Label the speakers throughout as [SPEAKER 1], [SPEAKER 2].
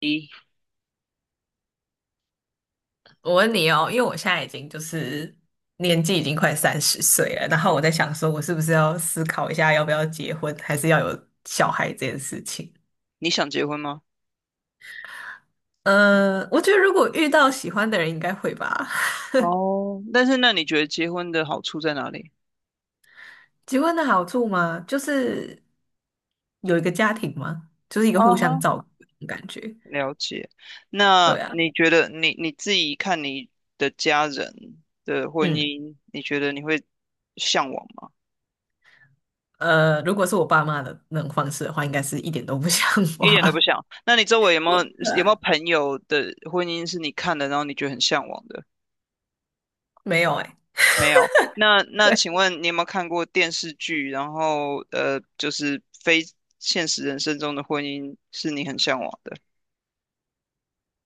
[SPEAKER 1] 一，
[SPEAKER 2] 我问你哦，因为我现在已经就是年纪已经快30岁了，然后我在想说，我是不是要思考一下要不要结婚，还是要有小孩这件事情？
[SPEAKER 1] 你想结婚吗？
[SPEAKER 2] 我觉得如果遇到喜欢的人，应该会吧。
[SPEAKER 1] 哦，但是那你觉得结婚的好处在哪里？
[SPEAKER 2] 结婚的好处吗？就是有一个家庭嘛，就是一个
[SPEAKER 1] 啊
[SPEAKER 2] 互相
[SPEAKER 1] 哈，
[SPEAKER 2] 照顾的感觉。
[SPEAKER 1] 了解。那
[SPEAKER 2] 对啊，
[SPEAKER 1] 你觉得你自己看你的家人的婚
[SPEAKER 2] 嗯，
[SPEAKER 1] 姻，你觉得你会向往吗？
[SPEAKER 2] 如果是我爸妈的那种方式的话，应该是一点都不 像
[SPEAKER 1] 一点都不
[SPEAKER 2] 话。
[SPEAKER 1] 想。那你周围有 没
[SPEAKER 2] 对
[SPEAKER 1] 有有没有
[SPEAKER 2] 啊，
[SPEAKER 1] 朋友的婚姻是你看的，然后你觉得很向往的？
[SPEAKER 2] 没有哎、
[SPEAKER 1] 没有。那请问你有没有看过电视剧，然后就是非现实人生中的婚姻是你很向往的？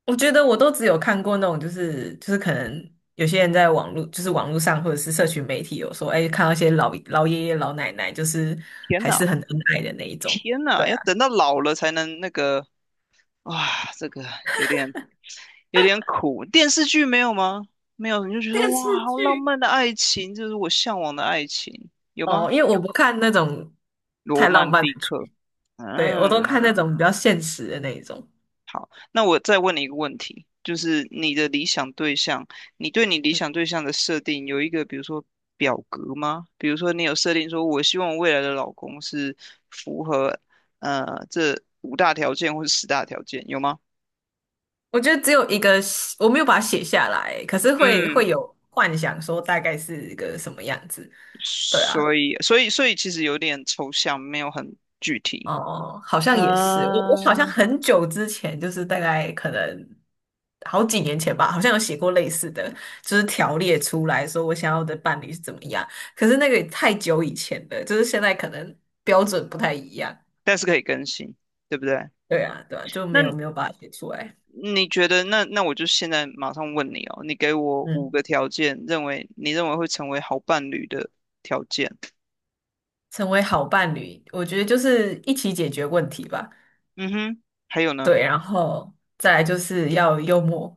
[SPEAKER 2] 我觉得我都只有看过那种，就是可能有些人在网络，就是网络上或者是社群媒体有说，哎，看到一些老爷爷老奶奶，就是
[SPEAKER 1] 天
[SPEAKER 2] 还
[SPEAKER 1] 哪！
[SPEAKER 2] 是很恩爱的那一种。
[SPEAKER 1] 天呐，
[SPEAKER 2] 对
[SPEAKER 1] 要
[SPEAKER 2] 啊，
[SPEAKER 1] 等到老了才能那个，哇，这个有点有点苦。电视剧没有吗？没有，你就觉得
[SPEAKER 2] 电视
[SPEAKER 1] 哇，好浪
[SPEAKER 2] 剧
[SPEAKER 1] 漫的爱情，这是我向往的爱情，有吗？
[SPEAKER 2] 哦，因为我不看那种
[SPEAKER 1] 罗
[SPEAKER 2] 太浪
[SPEAKER 1] 曼
[SPEAKER 2] 漫的
[SPEAKER 1] 蒂
[SPEAKER 2] 剧。
[SPEAKER 1] 克。
[SPEAKER 2] 对，我都看那
[SPEAKER 1] 嗯，
[SPEAKER 2] 种比较现实的那一种。
[SPEAKER 1] 好，那我再问你一个问题，就是你的理想对象，你对你理
[SPEAKER 2] 嗯，
[SPEAKER 1] 想对象的设定有一个，比如说表格吗？比如说你有设定说，我希望我未来的老公是符合这五大条件或者十大条件，有吗？
[SPEAKER 2] 我觉得只有一个，我没有把它写下来，可是会
[SPEAKER 1] 嗯，
[SPEAKER 2] 会有幻想说大概是一个什么样子。对啊。
[SPEAKER 1] 所以其实有点抽象，没有很具体。
[SPEAKER 2] 哦，好像也是，我好像
[SPEAKER 1] 嗯，
[SPEAKER 2] 很久之前，就是大概可能好几年前吧，好像有写过类似的，就是条列出来说我想要的伴侣是怎么样。可是那个也太久以前了，就是现在可能标准不太一样。
[SPEAKER 1] 但是可以更新，对不对？
[SPEAKER 2] 对啊，对啊，就没有没
[SPEAKER 1] 那
[SPEAKER 2] 有把它写出来。
[SPEAKER 1] 你觉得，那我就现在马上问你哦，你给我五
[SPEAKER 2] 嗯，
[SPEAKER 1] 个条件，你认为会成为好伴侣的条件。
[SPEAKER 2] 成为好伴侣，我觉得就是一起解决问题吧。
[SPEAKER 1] 嗯哼，还有呢？
[SPEAKER 2] 对，然后再来就是要幽默，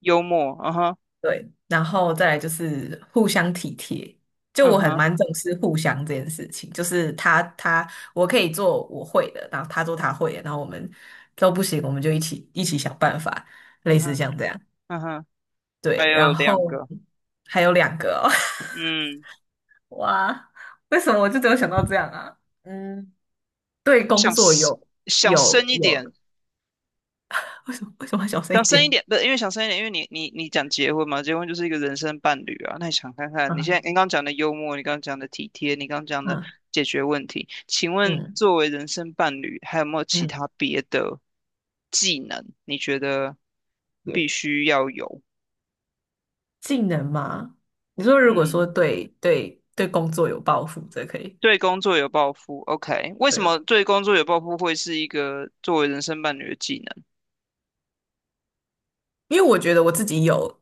[SPEAKER 1] 幽默，嗯哼，
[SPEAKER 2] 对，然后再来就是互相体贴。就
[SPEAKER 1] 嗯
[SPEAKER 2] 我很
[SPEAKER 1] 哼，
[SPEAKER 2] 蛮重视互相这件事情，就是他我可以做我会的，然后他做他会的，然后我们都不行，我们就一起想办法，
[SPEAKER 1] 嗯
[SPEAKER 2] 类似
[SPEAKER 1] 哼，
[SPEAKER 2] 像这样。
[SPEAKER 1] 嗯哼，
[SPEAKER 2] 对，
[SPEAKER 1] 还
[SPEAKER 2] 然
[SPEAKER 1] 有两
[SPEAKER 2] 后
[SPEAKER 1] 个，
[SPEAKER 2] 还有2个哦，
[SPEAKER 1] 嗯，
[SPEAKER 2] 哇，为什么我就只有想到这样啊？嗯，对工
[SPEAKER 1] 想
[SPEAKER 2] 作
[SPEAKER 1] s-
[SPEAKER 2] 有
[SPEAKER 1] 想
[SPEAKER 2] 有
[SPEAKER 1] 深一
[SPEAKER 2] 有，
[SPEAKER 1] 点，
[SPEAKER 2] 为什么要小声一
[SPEAKER 1] 想深一
[SPEAKER 2] 点？
[SPEAKER 1] 点，不是因为想深一点，因为你讲结婚嘛，结婚就是一个人生伴侣啊。那你想看看，你现在
[SPEAKER 2] 嗯
[SPEAKER 1] 你刚刚讲的幽默，你刚刚讲的体贴，你刚刚讲的
[SPEAKER 2] 嗯
[SPEAKER 1] 解决问题，请问
[SPEAKER 2] 嗯
[SPEAKER 1] 作为人生伴侣，还有没有其
[SPEAKER 2] 嗯，
[SPEAKER 1] 他别的技能？你觉得必
[SPEAKER 2] 也
[SPEAKER 1] 须要有？
[SPEAKER 2] 技能吗？你说如果
[SPEAKER 1] 嗯，
[SPEAKER 2] 说对工作有抱负，这可以。
[SPEAKER 1] 对工作有抱负，OK？为什
[SPEAKER 2] 对，
[SPEAKER 1] 么对工作有抱负会是一个作为人生伴侣的技能
[SPEAKER 2] 因为我觉得我自己有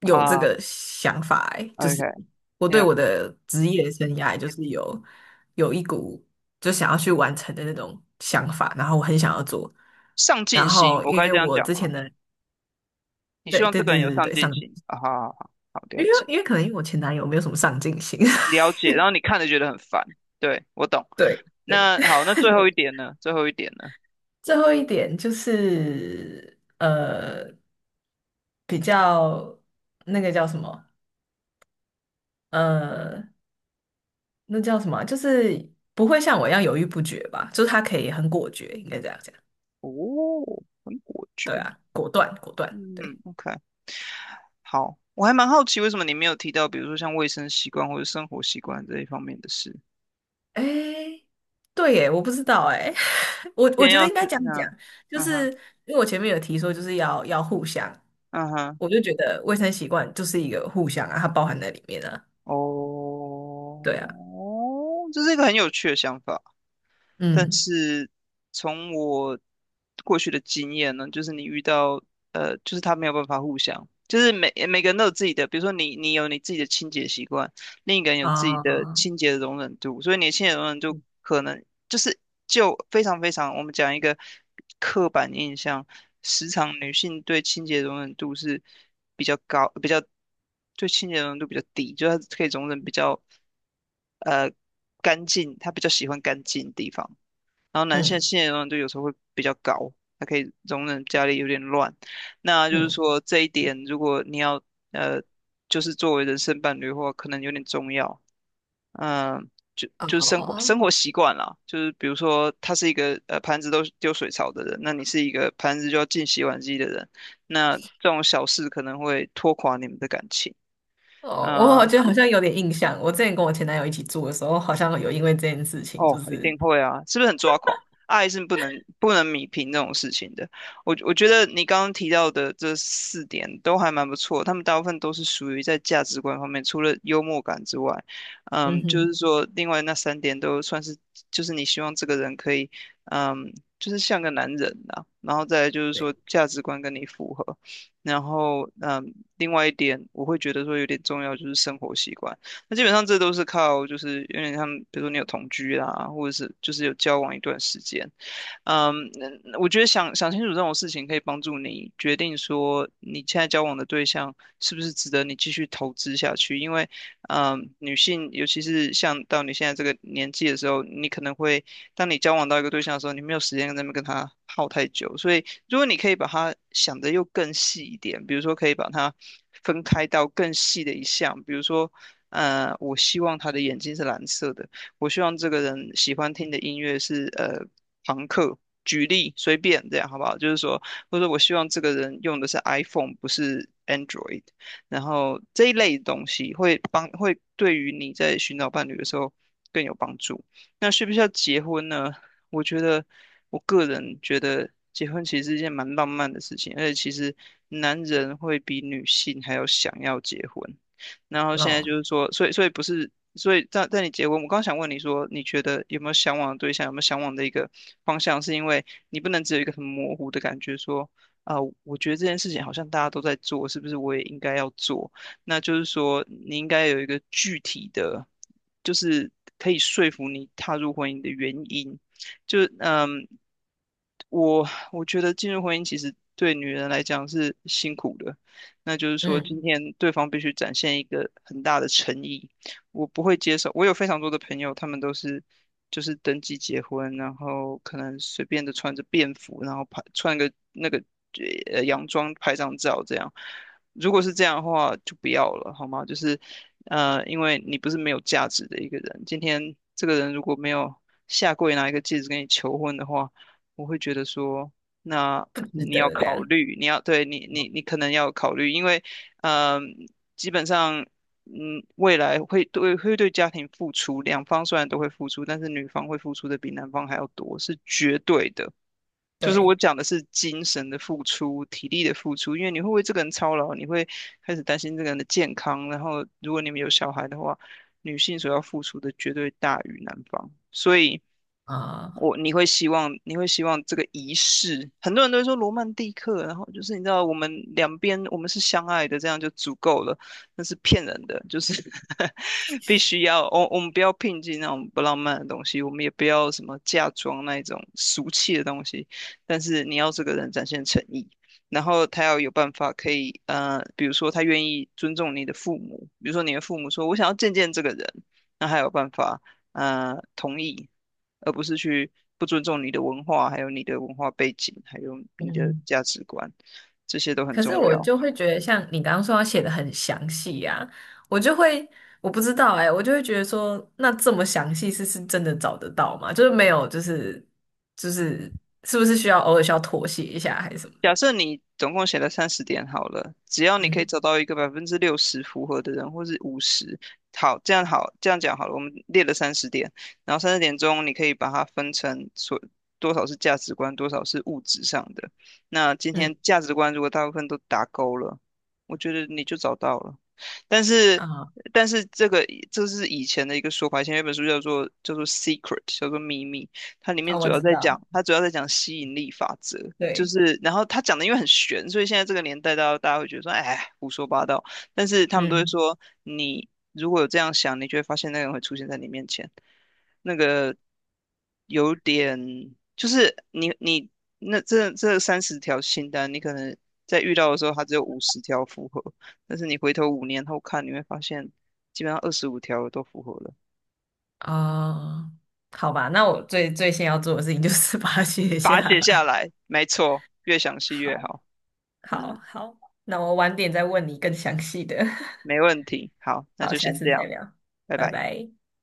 [SPEAKER 2] 有这
[SPEAKER 1] 啊
[SPEAKER 2] 个想法、欸，就是
[SPEAKER 1] ？OK，yeah，
[SPEAKER 2] 我对我的职业生涯就是有一股就想要去完成的那种想法，然后我很想要做。
[SPEAKER 1] 上
[SPEAKER 2] 然
[SPEAKER 1] 进心，
[SPEAKER 2] 后
[SPEAKER 1] 我
[SPEAKER 2] 因
[SPEAKER 1] 该
[SPEAKER 2] 为
[SPEAKER 1] 这样
[SPEAKER 2] 我
[SPEAKER 1] 讲
[SPEAKER 2] 之
[SPEAKER 1] 吗？
[SPEAKER 2] 前的
[SPEAKER 1] 你希
[SPEAKER 2] 对
[SPEAKER 1] 望这
[SPEAKER 2] 对
[SPEAKER 1] 个人
[SPEAKER 2] 对
[SPEAKER 1] 有
[SPEAKER 2] 对
[SPEAKER 1] 上
[SPEAKER 2] 对上，
[SPEAKER 1] 进心啊，好好好，好
[SPEAKER 2] 因
[SPEAKER 1] 了
[SPEAKER 2] 为
[SPEAKER 1] 解。
[SPEAKER 2] 因为可能因为我前男友没有什么上进心，
[SPEAKER 1] 了解，然后你看着觉得很烦，对，我懂。
[SPEAKER 2] 对。对，
[SPEAKER 1] 那好，那最后一点呢？最后一点呢？
[SPEAKER 2] 最后一点就是比较那个叫什么？呃，那叫什么啊，就是不会像我一样犹豫不决吧？就是他可以很果决，应该这样讲。
[SPEAKER 1] 哦，很果
[SPEAKER 2] 对
[SPEAKER 1] 决。
[SPEAKER 2] 啊，果断，果断。
[SPEAKER 1] 嗯
[SPEAKER 2] 对，
[SPEAKER 1] ，OK，好，我还蛮好奇为什么你没有提到，比如说像卫生习惯或者生活习惯这一方面的事。
[SPEAKER 2] 哎，对耶，我不知道哎，我
[SPEAKER 1] 今
[SPEAKER 2] 我
[SPEAKER 1] 天
[SPEAKER 2] 觉得
[SPEAKER 1] 要
[SPEAKER 2] 应该
[SPEAKER 1] 是
[SPEAKER 2] 这样讲，
[SPEAKER 1] 那，
[SPEAKER 2] 就
[SPEAKER 1] 嗯哼，
[SPEAKER 2] 是因为我前面有提说就是要互相，
[SPEAKER 1] 嗯哼，
[SPEAKER 2] 我就觉得卫生习惯就是一个互相啊，它包含在里面啊。对啊，
[SPEAKER 1] 哦，这是一个很有趣的想法。但
[SPEAKER 2] 嗯
[SPEAKER 1] 是从我过去的经验呢，就是你遇到就是他没有办法互相，就是每个人都有自己的，比如说你有你自己的清洁习惯，另一个人有自己的
[SPEAKER 2] 啊，
[SPEAKER 1] 清洁的容忍度，所以你的清洁容忍度可能就是非常非常，我们讲一个刻板印象，时常女性对清洁容忍度是比较高，比较对清洁容忍度比较低，就是她可以容忍比较呃干净，她比较喜欢干净的地方。然后男性
[SPEAKER 2] 嗯
[SPEAKER 1] 新的容忍度有时候会比较高，他可以容忍家里有点乱。那就是
[SPEAKER 2] 嗯。
[SPEAKER 1] 说这一点，如果你要呃，就是作为人生伴侣的话，可能有点重要。嗯，就是
[SPEAKER 2] 哦
[SPEAKER 1] 生活习惯啦，就是比如说他是一个盘子都丢水槽的人，那你是一个盘子就要进洗碗机的人，那这种小事可能会拖垮你们的感情。
[SPEAKER 2] 哦，我好
[SPEAKER 1] 呃
[SPEAKER 2] 像好像有点印象，我之前跟我前男友一起住的时候，好像有因为这件事情，
[SPEAKER 1] 哦，
[SPEAKER 2] 就
[SPEAKER 1] 一
[SPEAKER 2] 是
[SPEAKER 1] 定会啊，是不是很抓狂？爱是不能米平这种事情的。我觉得你刚刚提到的这4点都还蛮不错，他们大部分都是属于在价值观方面，除了幽默感之外，
[SPEAKER 2] 嗯
[SPEAKER 1] 就
[SPEAKER 2] 哼，
[SPEAKER 1] 是说另外那3点都算是，就是你希望这个人可以，嗯，就是像个男人呐、然后再来就是
[SPEAKER 2] 对，
[SPEAKER 1] 说价值观跟你符合，然后另外一点我会觉得说有点重要就是生活习惯。那基本上这都是靠，就是有点像，比如说你有同居啦，或者是就是有交往一段时间，嗯，那我觉得想想清楚这种事情，可以帮助你决定说你现在交往的对象是不是值得你继续投资下去。因为，女性尤其是像到你现在这个年纪的时候，你可能会，当你交往到一个对象的时候，你没有时间在那边跟他耗太久。所以，如果你可以把它想得又更细一点，比如说可以把它分开到更细的一项，比如说。我希望他的眼睛是蓝色的，我希望这个人喜欢听的音乐是朋克，举例随便这样好不好？就是说，或者说我希望这个人用的是 iPhone，不是 Android，然后这一类东西会对于你在寻找伴侣的时候更有帮助。那需不需要结婚呢？我觉得个人觉得结婚其实是一件蛮浪漫的事情，而且其实男人会比女性还要想要结婚。然后现在
[SPEAKER 2] 哦，
[SPEAKER 1] 就是说，所以不是，所以在你结婚，我刚想问你说，你觉得有没有向往的对象，有没有向往的一个方向，是因为你不能只有一个很模糊的感觉说，啊、我觉得这件事情好像大家都在做，是不是我也应该要做？那就是说，你应该有一个具体的，就是可以说服你踏入婚姻的原因。就嗯我我觉得进入婚姻其实对女人来讲是辛苦的，那就是说今
[SPEAKER 2] 嗯，
[SPEAKER 1] 天对方必须展现一个很大的诚意，我不会接受。我有非常多的朋友，他们都是就是登记结婚，然后可能随便的穿着便服，然后拍穿个那个洋装拍张照这样。如果是这样的话，就不要了，好吗？就是因为你不是没有价值的一个人，今天这个人如果没有下跪拿一个戒指跟你求婚的话。我会觉得说，那
[SPEAKER 2] 不值
[SPEAKER 1] 你要
[SPEAKER 2] 得这
[SPEAKER 1] 考
[SPEAKER 2] 样，
[SPEAKER 1] 虑，你要对你可能要考虑，因为嗯、呃基本上未来会对家庭付出，两方虽然都会付出，但是女方会付出的比男方还要多，是绝对的。就是我
[SPEAKER 2] 对
[SPEAKER 1] 讲的是精神的付出、体力的付出，因为你会为这个人操劳，你会开始担心这个人的健康，然后如果你们有小孩的话，女性所要付出的绝对大于男方，所以。
[SPEAKER 2] 啊，
[SPEAKER 1] 你会希望这个仪式，很多人都会说罗曼蒂克，然后就是你知道我们两边我们是相爱的，这样就足够了，那是骗人的，就是 必须要我们不要聘金那种不浪漫的东西，我们也不要什么嫁妆那一种俗气的东西，但是你要这个人展现诚意，然后他要有办法可以，比如说他愿意尊重你的父母，比如说你的父母说我想要见见这个人，那他有办法。同意，而不是去不尊重你的文化，还有你的文化背景，还有你的
[SPEAKER 2] 嗯，
[SPEAKER 1] 价值观，这些都很
[SPEAKER 2] 可是
[SPEAKER 1] 重
[SPEAKER 2] 我
[SPEAKER 1] 要。
[SPEAKER 2] 就会觉得，像你刚刚说要写的很详细啊，我就会，我不知道哎、我就会觉得说，那这么详细是真的找得到吗？就是没有，就是是不是需要偶尔需要妥协一下还是什么
[SPEAKER 1] 假
[SPEAKER 2] 的？
[SPEAKER 1] 设你总共写了三十点好了，只要你可以
[SPEAKER 2] 嗯
[SPEAKER 1] 找到一个60%符合的人，或是五十，好，这样好，这样讲好了，我们列了三十点，然后30点钟你可以把它分成所多少是价值观，多少是物质上的。那今
[SPEAKER 2] 嗯
[SPEAKER 1] 天价值观如果大部分都打勾了，我觉得你就找到了。但是，
[SPEAKER 2] 啊
[SPEAKER 1] 但是这个这是以前的一个说法，以前有一本书叫做《Secret》,叫做秘密，它里面
[SPEAKER 2] 啊，
[SPEAKER 1] 主
[SPEAKER 2] 我
[SPEAKER 1] 要
[SPEAKER 2] 知
[SPEAKER 1] 在讲，
[SPEAKER 2] 道，
[SPEAKER 1] 它主要在讲吸引力法则。就
[SPEAKER 2] 对。
[SPEAKER 1] 是，然后他讲的因为很悬，所以现在这个年代，大家会觉得说，哎，胡说八道。但是他们都会
[SPEAKER 2] 嗯。
[SPEAKER 1] 说，你如果有这样想，你就会发现那个人会出现在你面前。那个有点，就是你那这这30条清单，你可能在遇到的时候，它只有50条符合，但是你回头5年后看，你会发现基本上25条都符合了。
[SPEAKER 2] 哦，好吧，那我最先要做的事情就是把它写
[SPEAKER 1] 把
[SPEAKER 2] 下
[SPEAKER 1] 它写下
[SPEAKER 2] 来。
[SPEAKER 1] 来，没错，越详 细越
[SPEAKER 2] 好，
[SPEAKER 1] 好。
[SPEAKER 2] 好，
[SPEAKER 1] 嗯，
[SPEAKER 2] 好，那我晚点再问你更详细的。
[SPEAKER 1] 没问题。好，那
[SPEAKER 2] 好，
[SPEAKER 1] 就
[SPEAKER 2] 下
[SPEAKER 1] 先这
[SPEAKER 2] 次再
[SPEAKER 1] 样，
[SPEAKER 2] 聊，
[SPEAKER 1] 拜
[SPEAKER 2] 拜
[SPEAKER 1] 拜。
[SPEAKER 2] 拜。